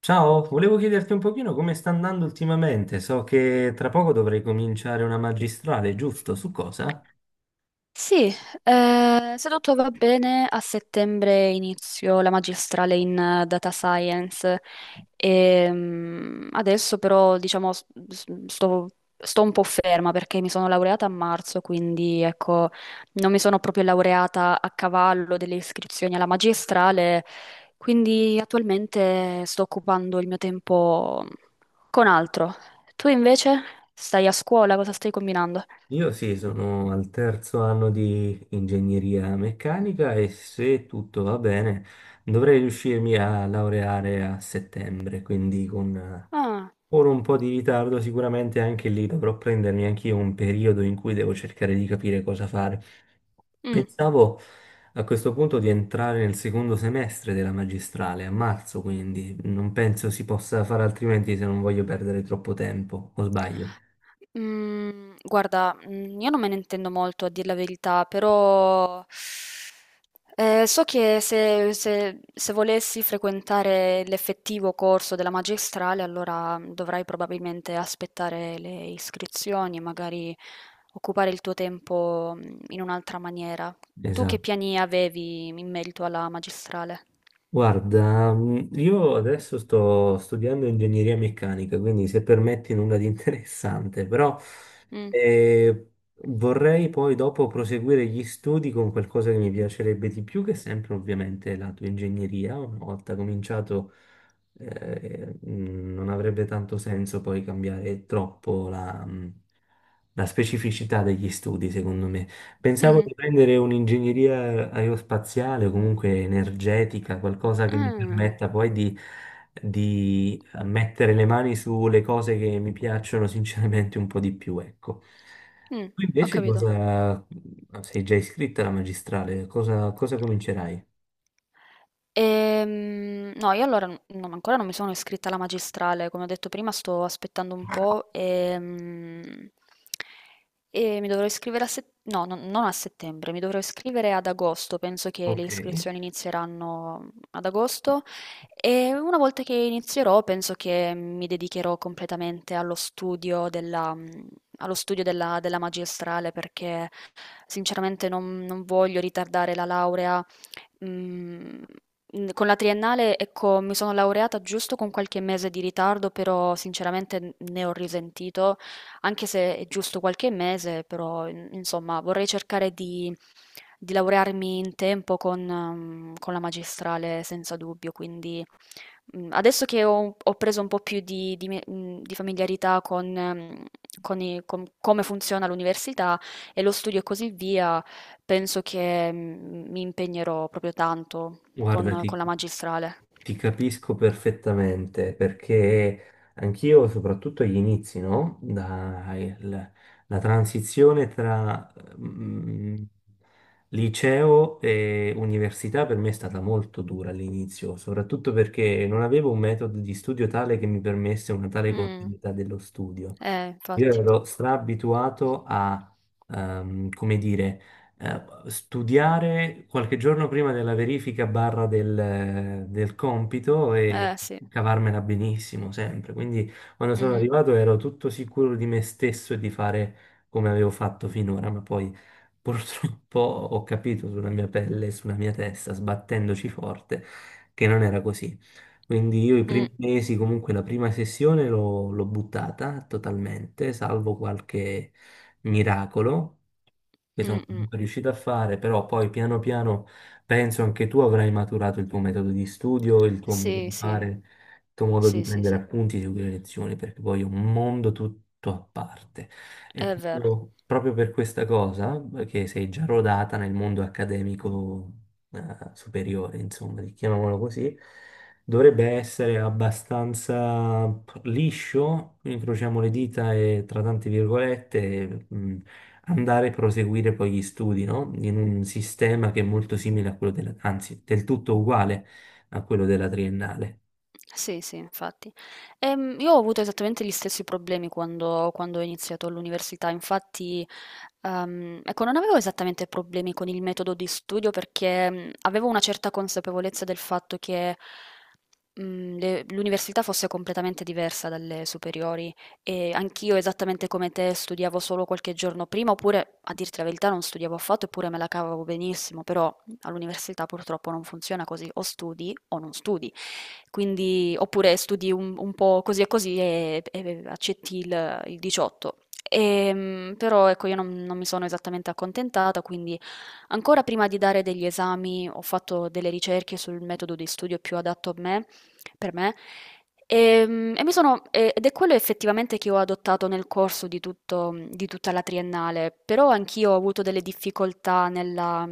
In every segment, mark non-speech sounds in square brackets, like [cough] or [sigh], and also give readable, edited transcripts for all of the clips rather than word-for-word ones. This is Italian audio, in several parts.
Ciao, volevo chiederti un pochino come sta andando ultimamente. So che tra poco dovrei cominciare una magistrale, giusto? Su cosa? Sì, se tutto va bene, a settembre inizio la magistrale in data science. Adesso però, diciamo, sto un po' ferma perché mi sono laureata a marzo, quindi ecco, non mi sono proprio laureata a cavallo delle iscrizioni alla magistrale, quindi attualmente sto occupando il mio tempo con altro. Tu invece stai a scuola, cosa stai combinando? Io sì, sono al terzo anno di ingegneria meccanica e se tutto va bene dovrei riuscirmi a laureare a settembre, quindi con Ah, ora un po' di ritardo sicuramente anche lì dovrò prendermi anch'io un periodo in cui devo cercare di capire cosa fare. mm. Pensavo a questo punto di entrare nel secondo semestre della magistrale, a marzo, quindi non penso si possa fare altrimenti se non voglio perdere troppo tempo, o sbaglio? Mhmm, guarda, mhmm, io non me ne intendo molto a dir la verità, però, so che se volessi frequentare l'effettivo corso della magistrale, allora, mhmm, dovrai probabilmente aspettare le iscrizioni e magari occupare il tuo tempo, mhmm, in un'altra maniera. Tu che Esatto. piani avevi in merito alla magistrale? Guarda, io adesso sto studiando ingegneria meccanica, quindi se permetti nulla di [laughs] interessante, però Mh, eh, vorrei poi dopo proseguire gli studi con qualcosa che mi piacerebbe di più, che è sempre ovviamente la tua ingegneria. Una volta cominciato non avrebbe tanto senso poi cambiare troppo la la specificità degli studi, secondo me. Pensavo mh-mh. di prendere un'ingegneria aerospaziale o comunque energetica, qualcosa che mi Ah, permetta poi di mettere le mani sulle cose che mi piacciono sinceramente un po' di più, ecco. mh, Tu ho invece capito. cosa sei già iscritta alla magistrale? Cosa comincerai? No, io allora ancora non mi sono iscritta alla magistrale, come ho detto prima sto aspettando un po', mi dovrò iscrivere a settembre, no, non a settembre, mi dovrò iscrivere ad agosto, penso che le Ok, iscrizioni inizieranno ad agosto e una volta che inizierò penso che mi dedicherò completamente allo studio della, della magistrale perché sinceramente non voglio ritardare la laurea. Mm. Mm. Con la triennale, ecco, mi sono laureata giusto con qualche mese di ritardo, però sinceramente ne ho risentito, anche se è giusto qualche mese, però insomma vorrei cercare di laurearmi in tempo con la magistrale senza dubbio, quindi, mm, adesso che ho, ho preso un po' più di, di familiarità con con come funziona l'università e lo studio e così via, penso che, mm, mi impegnerò proprio tanto. Con guardati. la magistrale. Ti capisco perfettamente perché anch'io, soprattutto agli inizi, no? La transizione tra mm, liceo e università per me è stata molto dura all'inizio, soprattutto perché non avevo un metodo di studio tale che mi permesse una tale Mh. continuità dello studio. Io Infatti. ero straabituato a, ehm, come dire, studiare qualche giorno prima della verifica barra del compito e Sì. cavarmela benissimo sempre. Quindi quando sono Mh-mh. arrivato ero tutto sicuro di me stesso e di fare come avevo fatto finora, ma poi purtroppo [laughs] ho capito sulla mia pelle e sulla mia testa, sbattendoci forte, che non era così. Quindi io i Mh. primi mesi, comunque la prima sessione l'ho buttata totalmente, salvo qualche miracolo che sono Mh-mh. comunque riuscito a fare, però poi piano piano penso anche tu avrai maturato il tuo metodo di studio, il tuo modo Sì, di sì. fare, il tuo modo di Sì, sì, prendere sì. appunti, seguire lezioni, perché poi è un mondo tutto a parte. E È vero. proprio per questa cosa, che sei già rodata nel mondo accademico, superiore, insomma, chiamiamolo così. Dovrebbe essere abbastanza liscio, incrociamo le dita e tra tante virgolette andare a proseguire poi gli studi, no? In un sistema che è molto simile a quello della, anzi, del tutto uguale a quello della triennale. Sì, sì, infatti. Io ho avuto esattamente gli stessi problemi quando ho iniziato all'università, infatti, ecco, non avevo esattamente problemi con il metodo di studio perché, mm, avevo una certa consapevolezza del fatto che, mm, l'università fosse completamente diversa dalle superiori e anch'io, esattamente come te, studiavo solo qualche giorno prima, oppure, a dirti la verità, non studiavo affatto, eppure me la cavavo benissimo, però all'università purtroppo non funziona così, o studi o non studi. Quindi, oppure studi un po' così e così e accetti il 18. Però ecco, io non, non mi sono esattamente accontentata, quindi ancora prima di dare degli esami ho fatto delle ricerche sul metodo di studio più adatto a me, per me, mi sono, ed è quello effettivamente che ho adottato nel corso di tutto, di tutta la triennale, però anch'io ho avuto delle difficoltà nella,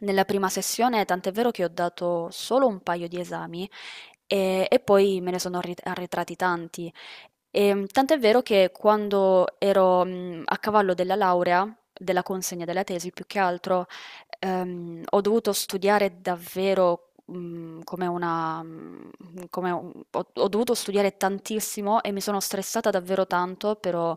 nella prima sessione, tant'è vero che ho dato solo un paio di esami e poi me ne sono arretrati tanti. Tant'è vero che quando ero, mhmm, a cavallo della laurea, della consegna della tesi più che altro, ho dovuto studiare davvero, mhmm, come una mhmm, come un ho dovuto studiare tantissimo e mi sono stressata davvero tanto, però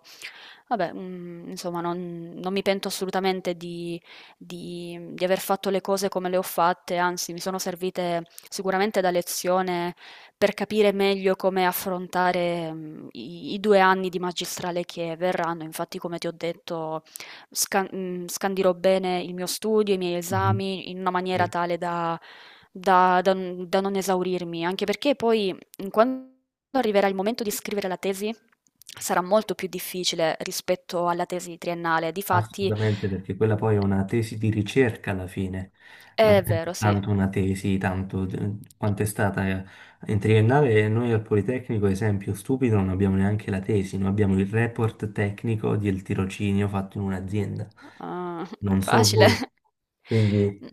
vabbè, mhmm, insomma non mi pento assolutamente di mhmm, di aver fatto le cose come le ho fatte, anzi mi sono servite sicuramente da lezione per capire meglio come affrontare, mhmm, i 2 anni di magistrale che verranno. Infatti, come ti ho detto, scandirò bene il mio studio, i miei Mhm. esami in una maniera tale da non esaurirmi, anche perché poi, mhmm, quando arriverà il momento di scrivere la tesi, sarà molto più difficile rispetto alla tesi triennale. Difatti Assolutamente, perché quella poi è una tesi di ricerca alla fine, non è è vero, sì. tanto una tesi, quanto è stata in triennale. Noi al Politecnico, esempio stupido, non abbiamo neanche la tesi, noi abbiamo il report tecnico del tirocinio fatto in un'azienda. Ah, [laughs] Non so facile. voi, quindi N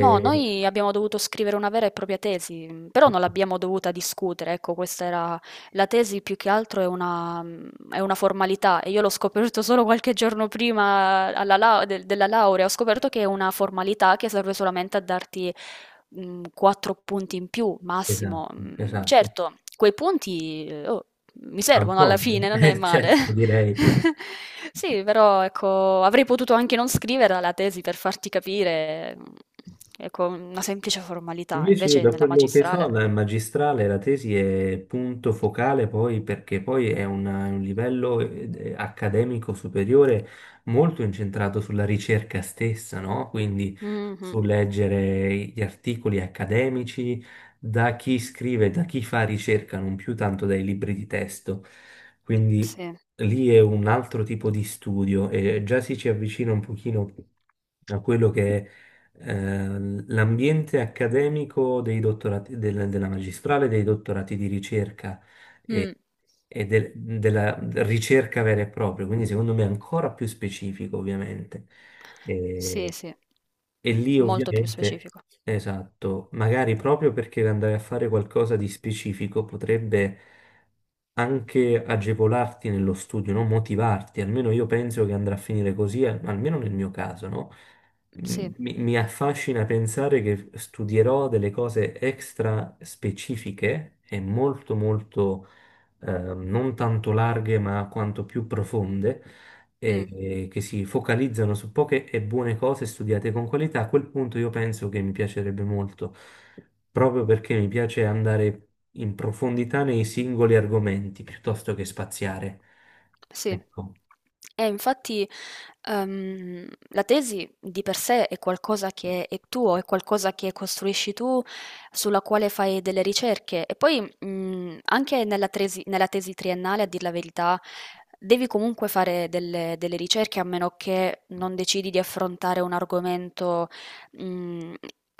No, noi abbiamo dovuto scrivere una vera e propria tesi, mhmm, però non l'abbiamo dovuta discutere, ecco, questa era la tesi più che altro, è una mhmm, è una formalità e io l'ho scoperto solo qualche giorno prima alla lau del della laurea, ho scoperto che è una formalità che serve solamente a darti, mhmm, 4 punti in più massimo. esatto, Mhmm, esatto. certo, quei punti, oh mi Fan servono alla comodo, fine, non è [laughs] male. certo, direi. [laughs] Sì, però ecco, avrei potuto anche non scriverla la tesi per farti capire, mhmm, ecco, una semplice formalità, Invece io invece da nella quello che so magistrale. dal magistrale la tesi è punto focale poi perché poi è un livello accademico superiore molto incentrato sulla ricerca stessa, no? Quindi Mh-mh. su leggere gli articoli accademici da chi scrive, da chi fa ricerca, non più tanto dai libri di testo. Quindi Sì. lì è un altro tipo di studio e già si ci avvicina un pochino a quello che è l'ambiente accademico dei dottorati, della magistrale, dei dottorati di ricerca Mh. e, e della ricerca vera e propria, quindi secondo me è ancora più specifico, ovviamente. Sì, E, sì, e lì molto più ovviamente, specifico. esatto, magari proprio perché andare a fare qualcosa di specifico potrebbe anche agevolarti nello studio, no? Motivarti, almeno io penso che andrà a finire così, almeno nel mio caso, no? Sì. Mi affascina pensare che studierò delle cose extra specifiche e molto molto non tanto larghe ma quanto più profonde e, Mh. e che si focalizzano su poche e buone cose studiate con qualità. A quel punto io penso che mi piacerebbe molto, proprio perché mi piace andare in profondità nei singoli argomenti piuttosto che spaziare. Sì. Ecco. E infatti, la tesi di per sé è qualcosa che è tuo, è qualcosa che costruisci tu, sulla quale fai delle ricerche. E poi, anche nella tesi triennale, a dir la verità, devi comunque fare delle, delle ricerche, a meno che non decidi di affrontare un argomento, mh,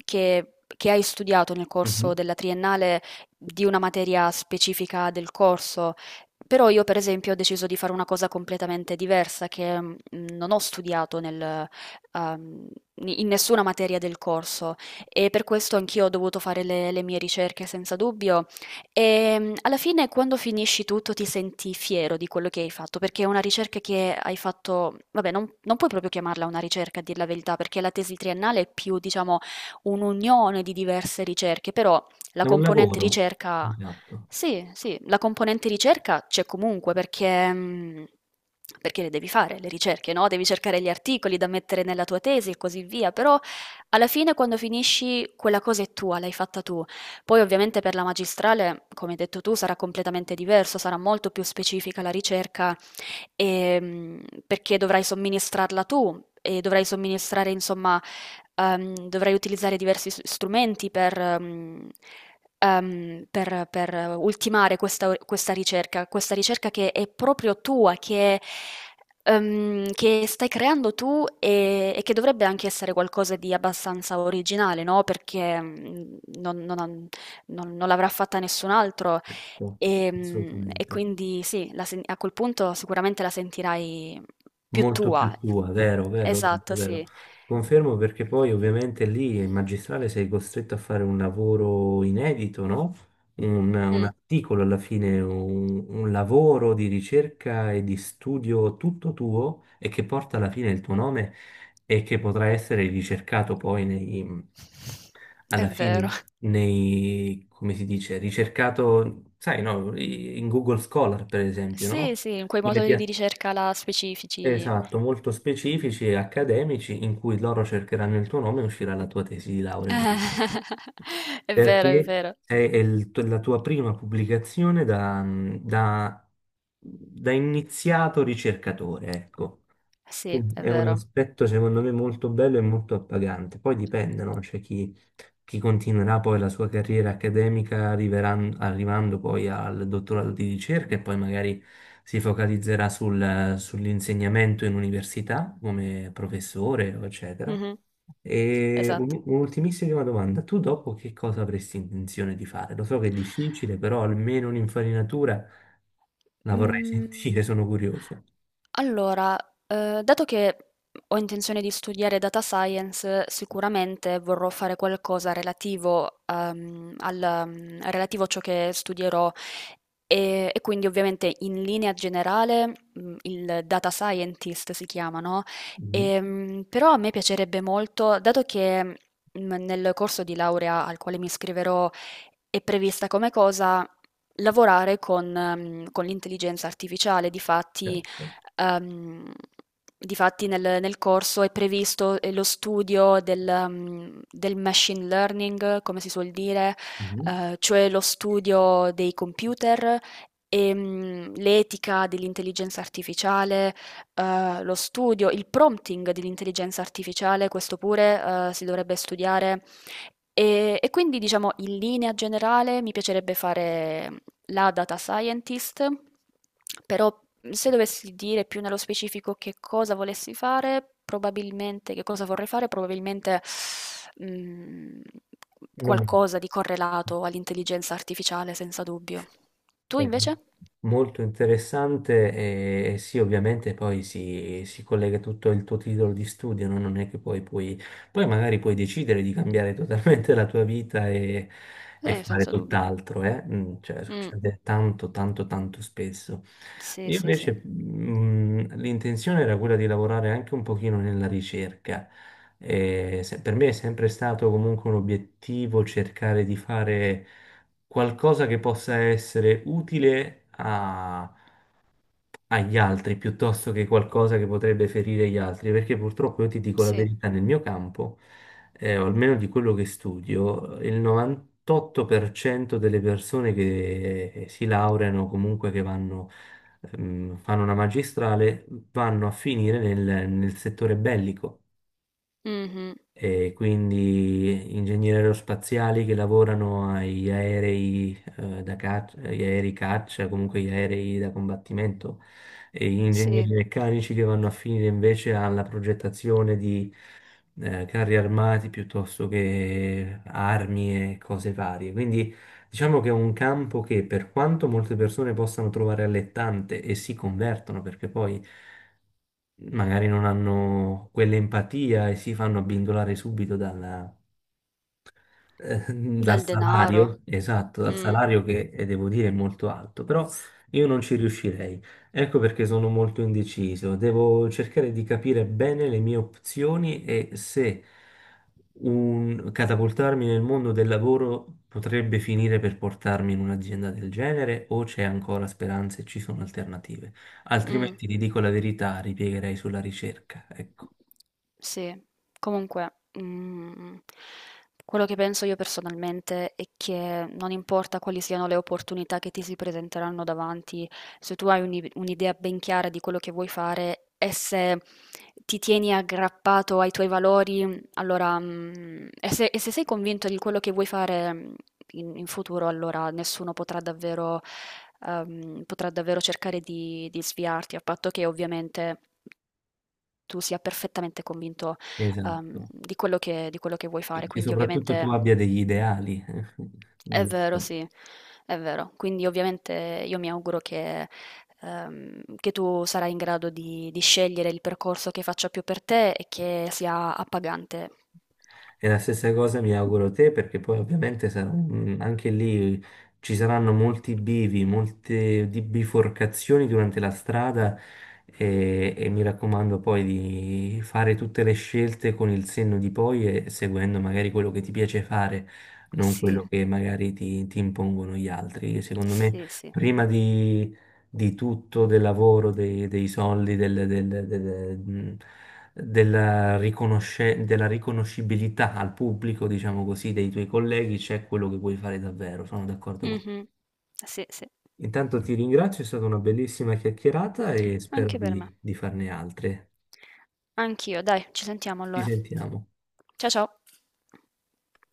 che che hai studiato nel corso Mhm. della triennale di una materia specifica del corso. Però io per esempio ho deciso di fare una cosa completamente diversa che non ho studiato nel, ehm, in nessuna materia del corso e per questo anch'io ho dovuto fare le mie ricerche senza dubbio e alla fine quando finisci tutto ti senti fiero di quello che hai fatto perché è una ricerca che hai fatto, vabbè non, non puoi proprio chiamarla una ricerca a dir la verità perché la tesi triennale è più diciamo un'unione di diverse ricerche, però la È un componente lavoro. ricerca, Esatto. sì, sì, la componente ricerca c'è comunque perché, mhmm, perché le devi fare le ricerche, no, devi cercare gli articoli da mettere nella tua tesi e così via, però alla fine quando finisci quella cosa è tua, l'hai fatta tu. Poi ovviamente per la magistrale, come hai detto tu, sarà completamente diverso, sarà molto più specifica la ricerca, ehm, perché dovrai somministrarla tu e dovrai somministrare, insomma, dovrai utilizzare diversi strumenti per, per ultimare questa, questa ricerca che è proprio tua, che stai creando tu e che dovrebbe anche essere qualcosa di abbastanza originale, no? Perché mm, non, non l'avrà fatta nessun altro Certo, e, mm, e assolutamente. quindi sì, la a quel punto sicuramente la sentirai più Molto tua. più tua, vero, vero, vero, Esatto, vero. sì. Confermo perché poi ovviamente lì in magistrale sei costretto a fare un lavoro inedito, no? Un Mm. articolo alla fine, un lavoro di ricerca e di studio tutto tuo e che porta alla fine il tuo nome e che potrà essere ricercato poi È alla vero. fine nei, come si dice, ricercato, sai, no, in Google Scholar, per esempio, Sì, no? sì, in quei Quelle motori di pia- ricerca là specifici. Esatto, molto specifici e accademici in cui loro cercheranno il tuo nome e uscirà la tua tesi di laurea. [laughs] È vero, è Perché vero. È la tua prima pubblicazione da iniziato ricercatore, ecco. Sì, Quindi è è un vero. aspetto secondo me molto bello e molto appagante. Poi dipende, no? C'è chi, chi continuerà poi la sua carriera accademica arrivando poi al dottorato di ricerca e poi magari si focalizzerà sull'insegnamento in università come professore, eccetera. Mhm. E Esatto. Un'ultimissima domanda, tu dopo che cosa avresti intenzione di fare? Lo so che è difficile, però almeno un'infarinatura la vorrei [laughs] Mhmm, sentire, sono curioso. allora, dato che ho intenzione di studiare data science, sicuramente vorrò fare qualcosa relativo, al mhmm, relativo a ciò che studierò e quindi ovviamente in linea generale, mhmm, il data scientist si chiama, no, Mhm. Però a me piacerebbe molto, dato che, mhmm, nel corso di laurea al quale mi iscriverò è prevista come cosa lavorare con mhmm, con l'intelligenza artificiale. Difatti, Certo. ehm, nel corso è previsto, lo studio del mhmm, del machine learning, come si suol dire, Mhm. Cioè lo studio dei computer, l'etica dell'intelligenza artificiale, lo studio il prompting dell'intelligenza artificiale, questo pure, si dovrebbe studiare. E quindi diciamo in linea generale mi piacerebbe fare la data scientist, però se dovessi dire più nello specifico che cosa volessi fare, probabilmente, che cosa vorrei fare, probabilmente, mm, Non mi- qualcosa di correlato all'intelligenza artificiale, senza dubbio. Tu Eh, invece? molto interessante e sì, ovviamente poi si collega tutto il tuo titolo di studio, no? Non è che poi puoi, poi magari puoi decidere di cambiare [laughs] totalmente la tua vita e fare Senza dubbio. tutt'altro, eh? Cioè, Mm. succede tanto, tanto, tanto spesso. Sì, Io sì, sì. invece l'intenzione era quella di lavorare anche un pochino nella ricerca. Per me è sempre stato comunque un obiettivo cercare di fare qualcosa che possa essere utile agli altri piuttosto che qualcosa che potrebbe ferire gli altri, perché purtroppo io ti dico la Sì. verità, nel mio campo, o almeno di quello che studio, il 98% delle persone che si laureano, comunque che vanno, fanno una magistrale, vanno a finire nel settore bellico Mhm. e quindi ingegneri aerospaziali che lavorano agli aerei, da caccia, agli aerei caccia, comunque agli aerei da combattimento, e ingegneri Sì. meccanici che vanno a finire invece alla progettazione di carri armati piuttosto che armi e cose varie. Quindi diciamo che è un campo che per quanto molte persone possano trovare allettante e si convertono, perché poi magari non hanno quell'empatia e si fanno abbindolare subito eh, dal Del denaro. salario, esatto, dal Mm, salario che devo dire è molto alto, però io non ci riuscirei. Ecco perché sono molto indeciso. Devo cercare di capire bene le mie opzioni e se catapultarmi nel mondo del lavoro potrebbe finire per portarmi in un'azienda del genere o c'è ancora speranza e ci sono alternative. mm. Altrimenti, ti dico la verità, ripiegherei sulla ricerca. Ecco, Sì, comunque, mm, quello che penso io personalmente è che non importa quali siano le opportunità che ti si presenteranno davanti, se tu hai un'idea ben chiara di quello che vuoi fare e se ti tieni aggrappato ai tuoi valori, allora, mm, e se sei convinto di quello che vuoi fare, mm, in, in futuro, allora nessuno potrà davvero, potrà davvero cercare di sviarti, a patto che ovviamente tu sia perfettamente convinto, esatto. Di quello che vuoi fare. Che Quindi soprattutto tu ovviamente abbia degli ideali, [laughs] è vero, giusto? sì, è vero. Quindi ovviamente io mi auguro che, che tu sarai in grado di scegliere il percorso che faccia più per te e che sia appagante. E la stessa cosa mi auguro a te, perché poi ovviamente anche lì ci saranno molti bivi, biforcazioni durante la strada e mi raccomando poi di fare tutte le scelte con il senno di poi e seguendo magari quello che ti piace fare, non Sì, quello che magari ti impongono gli altri. Secondo me, sì, sì. prima di tutto, del lavoro, dei soldi, della della riconoscibilità al pubblico, diciamo così, dei tuoi colleghi, c'è quello che vuoi fare davvero. Sono d'accordo con te. Mh-mh. Sì, sì. Intanto ti ringrazio, è stata una bellissima chiacchierata e spero Anche per me. Di farne altre. Anch'io, dai, ci sentiamo Ci allora. sentiamo. Ciao.